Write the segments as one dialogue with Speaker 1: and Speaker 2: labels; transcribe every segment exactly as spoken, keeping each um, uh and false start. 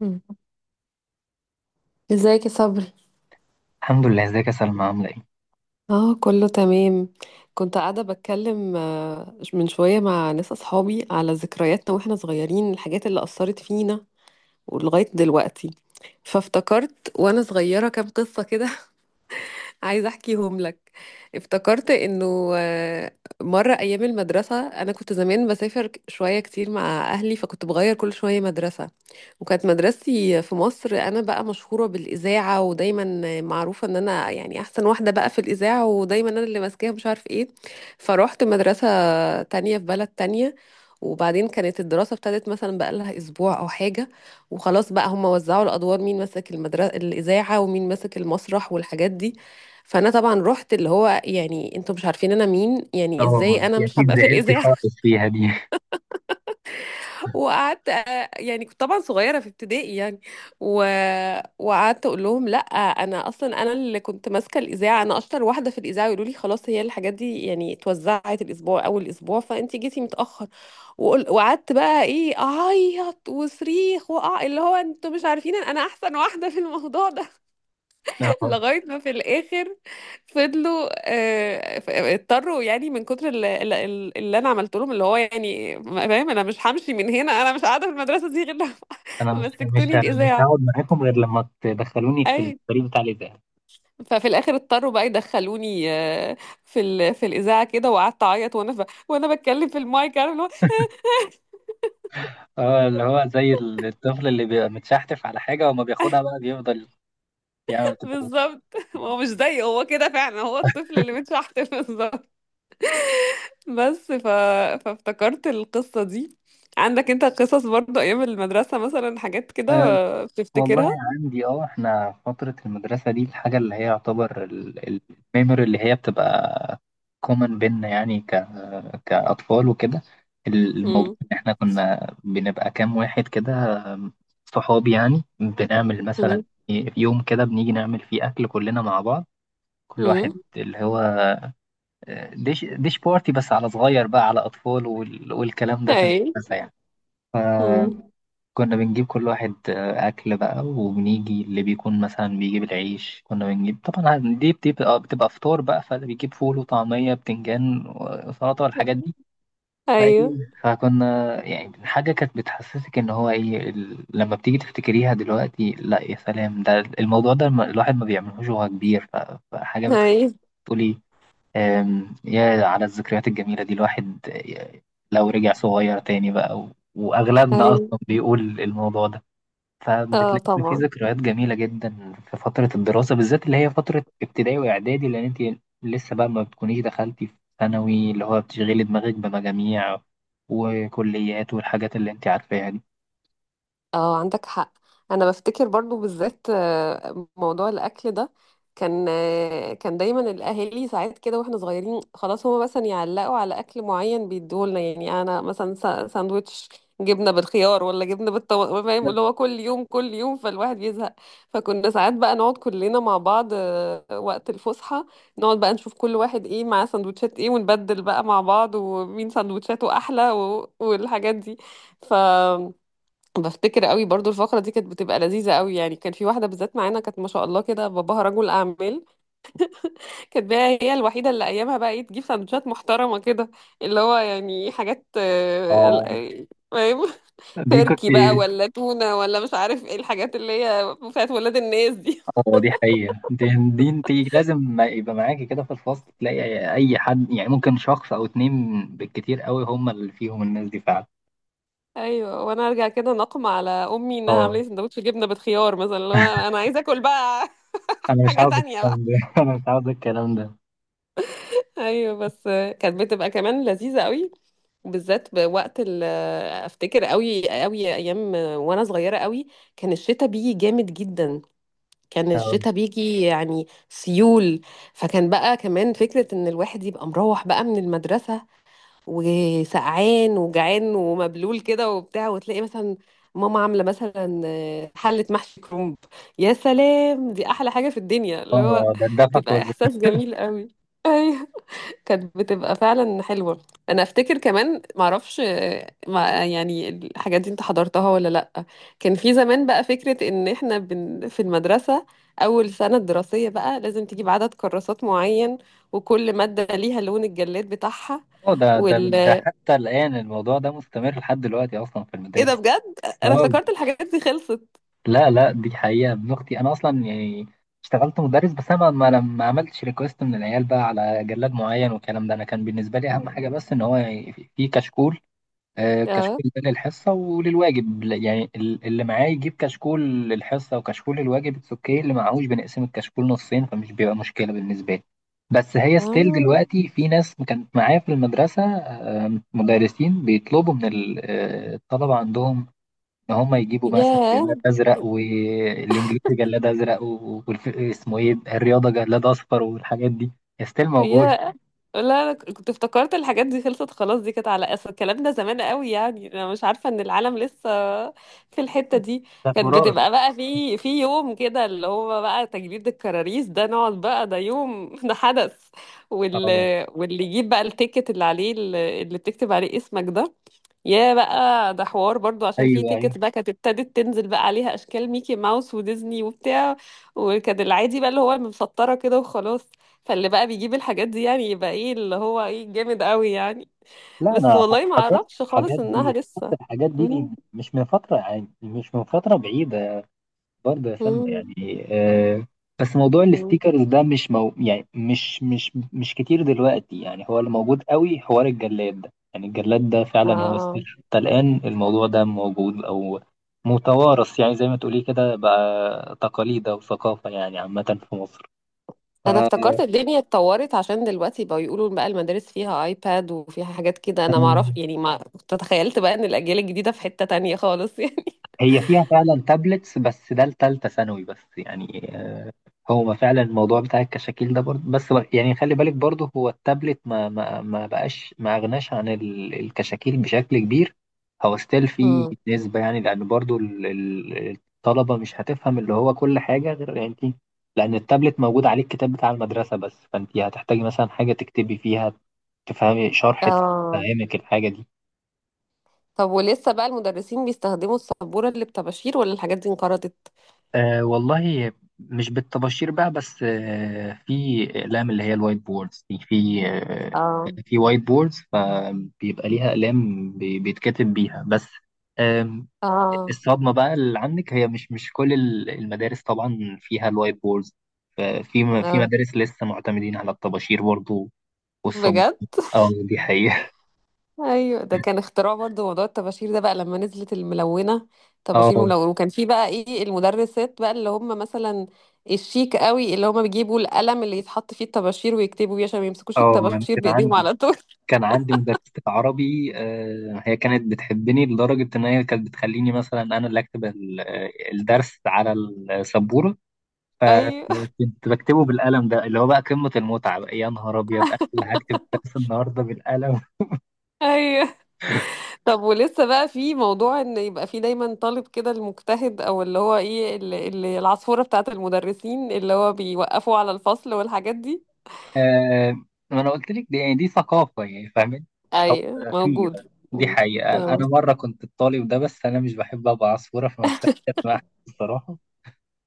Speaker 1: مم. ازيك يا صبري؟
Speaker 2: الحمد لله، ازيك يا سلمى عاملة ايه؟
Speaker 1: اه، كله تمام. كنت قاعدة بتكلم آه، من شوية مع ناس أصحابي على ذكرياتنا واحنا صغيرين، الحاجات اللي أثرت فينا ولغاية دلوقتي. فافتكرت وانا صغيرة كام قصة كده. عايزة احكيهم لك. افتكرت انه آه، مرة ايام المدرسة انا كنت زمان بسافر ك- شوية كتير مع اهلي، فكنت بغير كل شوية مدرسة. وكانت مدرستي في مصر انا بقى مشهورة بالاذاعة، ودايما معروفة ان انا يعني احسن واحدة بقى في الاذاعة، ودايما انا اللي ماسكاها مش عارف ايه. فروحت مدرسة تانية في بلد تانية، وبعدين كانت الدراسة ابتدت مثلا بقالها أسبوع أو حاجة. وخلاص بقى هم وزعوا الأدوار، مين ماسك المدرسة الإذاعة ومين ماسك المسرح والحاجات دي. فانا طبعا رحت، اللي هو يعني انتوا مش عارفين انا مين، يعني
Speaker 2: اه، ما
Speaker 1: ازاي
Speaker 2: انت
Speaker 1: انا مش
Speaker 2: اكيد
Speaker 1: هبقى في
Speaker 2: زعلتي
Speaker 1: الاذاعه.
Speaker 2: خالص فيها دي.
Speaker 1: وقعدت، آه، يعني كنت طبعا صغيره في ابتدائي يعني. و... وقعدت اقول لهم لا، انا اصلا، انا اللي كنت ماسكه الاذاعه، انا اشطر واحده في الاذاعه. يقولوا لي خلاص، هي الحاجات دي يعني اتوزعت الاسبوع، اول اسبوع فانت جيتي متاخر. وقل... وقعدت بقى ايه اعيط وصريخ وأع... اللي هو انتوا مش عارفين انا احسن واحده في الموضوع ده.
Speaker 2: اه،
Speaker 1: لغاية ما في الآخر فضلوا، آه، ف- اضطروا يعني من كتر ال- ال- ال- اللي أنا عملت لهم، اللي هو يعني فاهم أنا مش همشي من هنا، أنا مش قاعدة في المدرسة دي غير لما
Speaker 2: انا مش مش
Speaker 1: مسكتوني
Speaker 2: مش هقعد
Speaker 1: الإذاعة.
Speaker 2: معاكم غير لما تدخلوني في
Speaker 1: أي.
Speaker 2: الفريق بتاع الاذاعه.
Speaker 1: ففي الآخر اضطروا بقى يدخلوني آه، في ال... في الإذاعة كده، وقعدت أعيط وأنا ف... وأنا بتكلم في المايك، عارف اللي هو.
Speaker 2: اه، اللي هو زي الطفل اللي بيبقى متشحتف على حاجه وما بياخدها بقى بيفضل يعمل كده.
Speaker 1: بالظبط. هو مش زيه، هو كده فعلا، هو الطفل اللي متشحت. بالظبط. بس ف... فافتكرت القصة دي. عندك انت قصص برضو ايام المدرسة؟ مثلا حاجات
Speaker 2: آه،
Speaker 1: كده
Speaker 2: والله
Speaker 1: بتفتكرها؟
Speaker 2: عندي. اه، احنا فترة المدرسة دي الحاجة اللي هي يعتبر الميموري اللي هي بتبقى كومن بينا يعني ك... كأطفال وكده. الموضوع
Speaker 1: امم.
Speaker 2: ان احنا كنا بنبقى كام واحد كده صحاب، يعني بنعمل مثلا
Speaker 1: امم.
Speaker 2: يوم كده بنيجي نعمل فيه أكل كلنا مع بعض، كل واحد
Speaker 1: امم.
Speaker 2: اللي هو ديش ديش بارتي، بس على صغير بقى، على أطفال، وال... والكلام ده في
Speaker 1: اي.
Speaker 2: المدرسة يعني.
Speaker 1: امم.
Speaker 2: كنا بنجيب كل واحد آه، أكل بقى، وبنيجي اللي بيكون مثلا بيجيب العيش، كنا بنجيب طبعا، دي بتبقى بتبقى بتبقى فطار بقى، فاللي بيجيب فول وطعمية بتنجان وسلطة والحاجات دي. فإيه
Speaker 1: ايوه،
Speaker 2: فكنا يعني حاجة كانت بتحسسك إن هو إيه ال- لما بتيجي تفتكريها دلوقتي، لا يا سلام ده الموضوع ده الم- الواحد ما بيعملهوش وهو كبير، ف- فحاجة بتخليك
Speaker 1: ايوه،
Speaker 2: تقولي آم، يا على الذكريات الجميلة دي، الواحد آه، لو رجع صغير تاني بقى، و- وأغلبنا
Speaker 1: ايوه.
Speaker 2: أصلا بيقول الموضوع ده.
Speaker 1: اه،
Speaker 2: فبتلاقي إن في
Speaker 1: طبعا.
Speaker 2: ذكريات جميلة جدا في فترة الدراسة، بالذات اللي هي فترة ابتدائي وإعدادي، لأن أنت لسه بقى ما بتكونيش دخلتي في ثانوي اللي هو بتشغلي دماغك بمجاميع وكليات والحاجات اللي أنت عارفاها دي.
Speaker 1: اه، عندك حق. انا بفتكر برضو بالذات آه، موضوع الاكل ده. كان آه، كان دايما الاهالي ساعات كده، واحنا صغيرين خلاص، هما مثلا يعلقوا على اكل معين بيديهولنا، يعني انا مثلا سا- ساندوتش جبنه بالخيار ولا جبنه بالطماطم، فاهم اللي هو كل يوم كل يوم، فالواحد بيزهق. فكنا ساعات بقى نقعد كلنا مع بعض آه، وقت الفسحه، نقعد بقى نشوف كل واحد ايه معاه سندوتشات ايه، ونبدل بقى مع بعض، ومين سندوتشاته احلى و- والحاجات دي. ف بفتكر قوي برضو الفقرة دي كانت بتبقى لذيذة قوي، يعني كان في واحدة بالذات معانا كانت ما شاء الله كده، باباها رجل أعمال. كانت بقى هي الوحيدة اللي أيامها بقى إيه، تجيب سندوتشات محترمة كده، اللي هو يعني حاجات، آه، ال-
Speaker 2: اه.
Speaker 1: آه، فاهم،
Speaker 2: دي كنت
Speaker 1: تركي بقى ولا تونة ولا مش عارف إيه الحاجات اللي هي بتاعت ولاد الناس دي.
Speaker 2: اه دي حقيقة، دي, دي أنت لازم ما يبقى معاكي كده في الفصل، تلاقي أي حد يعني ممكن شخص أو اتنين بالكتير قوي هم اللي فيهم الناس دي فعلا.
Speaker 1: أيوة، وأنا أرجع كده نقم على أمي إنها
Speaker 2: اه.
Speaker 1: عاملة لي سندوتش جبنة بالخيار مثلا، اللي هو أنا عايزة آكل بقى.
Speaker 2: أنا مش
Speaker 1: حاجة
Speaker 2: عاوز
Speaker 1: تانية بقى.
Speaker 2: الكلام ده، أنا مش عاوز الكلام ده.
Speaker 1: أيوة بس آه، كانت بتبقى كمان لذيذة قوي، وبالذات بوقت ال افتكر قوي قوي ايام وانا صغيره قوي، كان الشتاء بيجي جامد جدا، كان
Speaker 2: اه،
Speaker 1: الشتاء بيجي يعني سيول. فكان بقى كمان فكره ان الواحد يبقى مروح بقى من المدرسه وسقعان وجعان ومبلول كده وبتاع، وتلاقي مثلا ماما عامله مثلا حله محشي كرنب. يا سلام، دي احلى حاجه في الدنيا، اللي هو
Speaker 2: آه، ده الدفع
Speaker 1: تبقى
Speaker 2: كله.
Speaker 1: احساس جميل قوي. كانت بتبقى فعلا حلوة. انا افتكر كمان، معرفش، آه، ما يعني الحاجات دي انت حضرتها ولا لا. كان في زمان بقى فكرة ان احنا بن في المدرسة اول سنة دراسية بقى لازم تجيب عدد كراسات معين، وكل مادة ليها لون الجلاد بتاعها
Speaker 2: اه، ده ده
Speaker 1: وال
Speaker 2: ده حتى الآن الموضوع ده مستمر لحد دلوقتي أصلا في
Speaker 1: ايه ده؟
Speaker 2: المدارس.
Speaker 1: بجد انا
Speaker 2: اه،
Speaker 1: افتكرت الحاجات دي خلصت.
Speaker 2: لا لا دي حقيقة. ابن أختي أنا أصلا يعني اشتغلت مدرس، بس أنا ما ما ما عملتش ريكوست من العيال بقى على جلاد معين والكلام ده، أنا كان بالنسبة لي أهم حاجة بس إن هو يعني في في كشكول. آه،
Speaker 1: اه،
Speaker 2: كشكول ده للحصة وللواجب، ل- يعني ال- اللي معاه يجيب كشكول للحصة وكشكول للواجب اتس اوكي، اللي معهوش بنقسم الكشكول نصين فمش بيبقى مشكلة بالنسبة لي. بس هي ستيل
Speaker 1: اه،
Speaker 2: دلوقتي في ناس كانت معايا في المدرسة، آه، مدرسين بيطلبوا من ال- آه، الطلبة عندهم إن هم يجيبوا مثلا جلاد
Speaker 1: ياه،
Speaker 2: أزرق، والإنجليزي جلاد أزرق، و- والف- اسمه إيه، الرياضة جلاد أصفر، والحاجات دي ستيل موجود.
Speaker 1: يا، لا انا كنت افتكرت الحاجات دي خلصت خلاص، دي كانت على اصل الكلام ده زمان قوي، يعني انا مش عارفه ان العالم لسه في الحته دي.
Speaker 2: ده
Speaker 1: كانت
Speaker 2: تراث.
Speaker 1: بتبقى بقى في في يوم كده اللي هو بقى تجديد الكراريس ده، نقعد بقى ده يوم. ده حدث،
Speaker 2: اه،
Speaker 1: واللي واللي يجيب بقى التيكت اللي عليه، اللي بتكتب عليه اسمك ده، يا بقى ده حوار برضو، عشان في
Speaker 2: ايوه أيوة.
Speaker 1: تيكت بقى كانت ابتدت تنزل بقى عليها اشكال ميكي ماوس وديزني وبتاع. وكان العادي بقى اللي هو المسطره كده وخلاص. فاللي بقى بيجيب الحاجات دي يعني يبقى ايه، اللي هو ايه جامد قوي يعني.
Speaker 2: لا
Speaker 1: بس
Speaker 2: انا ح-
Speaker 1: والله ما
Speaker 2: حضرت
Speaker 1: اعرفش خالص
Speaker 2: الحاجات
Speaker 1: انها
Speaker 2: دي،
Speaker 1: لسه.
Speaker 2: حضرت الحاجات دي, دي
Speaker 1: مم.
Speaker 2: مش من فتره، يعني مش من فتره بعيده برضه يا سلمى،
Speaker 1: مم.
Speaker 2: يعني آه بس موضوع
Speaker 1: مم.
Speaker 2: الستيكرز ده مش مو يعني مش مش مش كتير دلوقتي، يعني هو اللي موجود قوي حوار الجلاد ده، يعني الجلاد ده فعلا هو
Speaker 1: اه،
Speaker 2: ستيكر، حتى الان الموضوع ده موجود او متوارث، يعني زي ما تقولي كده بقى تقاليد او ثقافه يعني عامه في مصر.
Speaker 1: انا افتكرت الدنيا اتطورت، عشان دلوقتي بقى يقولوا بقى المدارس فيها ايباد وفيها حاجات كده.
Speaker 2: ف
Speaker 1: انا ما اعرف يعني، ما كنت تخيلت بقى ان الاجيال الجديده في حته تانية خالص. يعني.
Speaker 2: هي فيها فعلا تابلتس، بس ده لتالتة ثانوي بس يعني. آه، هو فعلا الموضوع بتاع الكشاكيل ده برضه، بس بر- يعني خلي بالك، برضه هو التابلت ما ما ما بقاش ما أغناش عن ال- الكشاكيل بشكل كبير. هو ستيل في
Speaker 1: مم.
Speaker 2: نسبة يعني، لأن برضه ال- ال- الطلبة مش هتفهم اللي هو كل حاجة غير يعني انت، لأن التابلت موجود عليه الكتاب بتاع المدرسة بس، فأنت هتحتاجي مثلا حاجة تكتبي فيها، تفهمي شرح،
Speaker 1: اه،
Speaker 2: تفهمك الحاجة دي.
Speaker 1: طب ولسه بقى المدرسين بيستخدموا السبورة اللي بطباشير؟ ولا الحاجات دي انقرضت؟
Speaker 2: أه والله، مش بالطباشير بقى بس. أه، في أقلام اللي هي الوايت بوردز دي. في أه
Speaker 1: اه،
Speaker 2: يعني في وايت بوردز، فبيبقى ليها أقلام بي- بيتكتب بيها بس. آم،
Speaker 1: اه،
Speaker 2: الصدمة بقى اللي عندك، هي مش مش كل ال- المدارس طبعا فيها الوايت بوردز، ففي م- في
Speaker 1: اه،
Speaker 2: مدارس لسه معتمدين على الطباشير برضو والصب
Speaker 1: بجد.
Speaker 2: اه، دي حقيقة.
Speaker 1: ايوه، ده كان اختراع برضو موضوع الطباشير ده بقى لما نزلت الملونة، طباشير
Speaker 2: اه
Speaker 1: ملونة. وكان في بقى ايه المدرسات بقى اللي هم مثلا الشيك قوي، اللي هم بيجيبوا القلم اللي يتحط فيه الطباشير ويكتبوا بيه عشان ما يمسكوش
Speaker 2: اه، ما أنا
Speaker 1: الطباشير
Speaker 2: كان
Speaker 1: بايديهم
Speaker 2: عندي
Speaker 1: على طول.
Speaker 2: كان عندي مدرسة عربي، آه، هي كانت بتحبني لدرجة إن هي كانت بتخليني مثلا أنا اللي أكتب ال- آه، الدرس على السبورة،
Speaker 1: ايوه.
Speaker 2: فكنت بكتبه بالقلم ده اللي هو بقى قمة المتعة بقى، يا نهار أبيض أنا اللي هكتب الدرس النهاردة بالقلم.
Speaker 1: ايوه، طب ولسه بقى في موضوع ان يبقى في دايما طالب كده المجتهد، او اللي هو ايه، اللي اللي العصفورة بتاعت المدرسين اللي هو بيوقفوا على الفصل والحاجات دي؟
Speaker 2: آه، ما أنا قلت لك دي، يعني دي ثقافة يعني فاهمين. أو
Speaker 1: اي
Speaker 2: آه، في آه،
Speaker 1: موجود.
Speaker 2: دي
Speaker 1: مم.
Speaker 2: حقيقة،
Speaker 1: اه،
Speaker 2: أنا مرة كنت الطالب ده، بس أنا مش بحب أبقى عصفورة في مكتبة مع حد، الصراحة.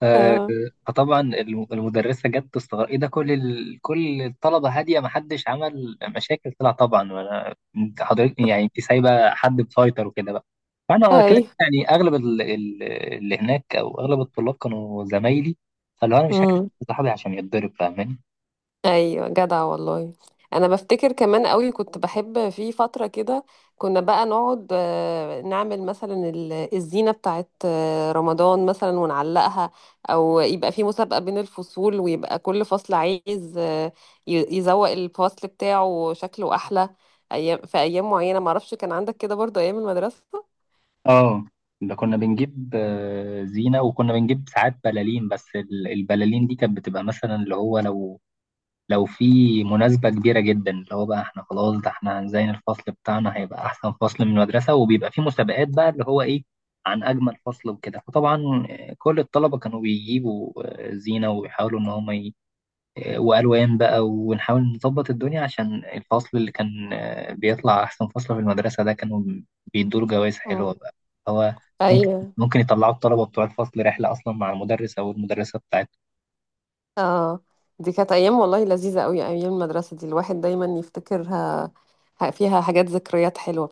Speaker 2: آه،
Speaker 1: اه،
Speaker 2: فطبعا الم- المدرسة جت تستغرب ايه ده، كل ال... كل الطلبة هادية محدش عمل مشاكل، طلع طبعا وانا انت حضرتك يعني انت سايبة حد مسيطر وكده بقى. فانا
Speaker 1: اي،
Speaker 2: كده يعني اغلب ال... ال- اللي هناك او اغلب الطلاب كانوا زمايلي، فاللي هو انا مش هكتب صاحبي عشان يتضرب، فاهماني.
Speaker 1: ايوه جدع والله. انا بفتكر كمان قوي، كنت بحب في فتره كده كنا بقى نقعد آه، نعمل مثلا ال- الزينه بتاعت آه، رمضان مثلا ونعلقها، او يبقى في مسابقه بين الفصول ويبقى كل فصل عايز آه، ي- يزوق الفصل بتاعه شكله احلى، ايام، في ايام معينه، معرفش، كان عندك كده برضو ايام المدرسه؟
Speaker 2: اه. ده كنا بنجيب آه، زينة، وكنا بنجيب ساعات بلالين، بس ال- البلالين دي كانت بتبقى مثلا اللي هو لو لو في مناسبة كبيرة جدا، اللي هو بقى احنا خلاص ده احنا هنزين الفصل بتاعنا، هيبقى أحسن فصل من المدرسة، وبيبقى في مسابقات بقى اللي هو إيه عن أجمل فصل وكده، فطبعا آه، كل الطلبة كانوا بيجيبوا آه، زينة ويحاولوا إن هم ي... آه، وألوان بقى، ونحاول نظبط الدنيا عشان الفصل اللي كان آه، بيطلع أحسن فصل في المدرسة ده، كانوا بيدوا له جوائز حلوة
Speaker 1: اه.
Speaker 2: بقى. هو ممكن
Speaker 1: ايوه.
Speaker 2: ممكن يطلعوا الطلبة بتوع الفصل رحلة أصلا مع المدرس أو المدرسة بتاعتهم.
Speaker 1: اه، دي كانت ايام والله لذيذه قوي، ايام المدرسه دي الواحد دايما يفتكرها، ه- فيها حاجات ذكريات حلوه.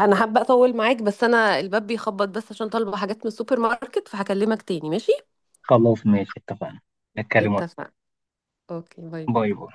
Speaker 1: انا حابه اطول معاك بس انا الباب بيخبط، بس عشان طالبه حاجات من السوبر ماركت، فهكلمك تاني، ماشي؟
Speaker 2: خلاص ماشي اتفقنا، نتكلم وقت.
Speaker 1: اتفقنا. اوكي، باي
Speaker 2: باي
Speaker 1: باي.
Speaker 2: باي.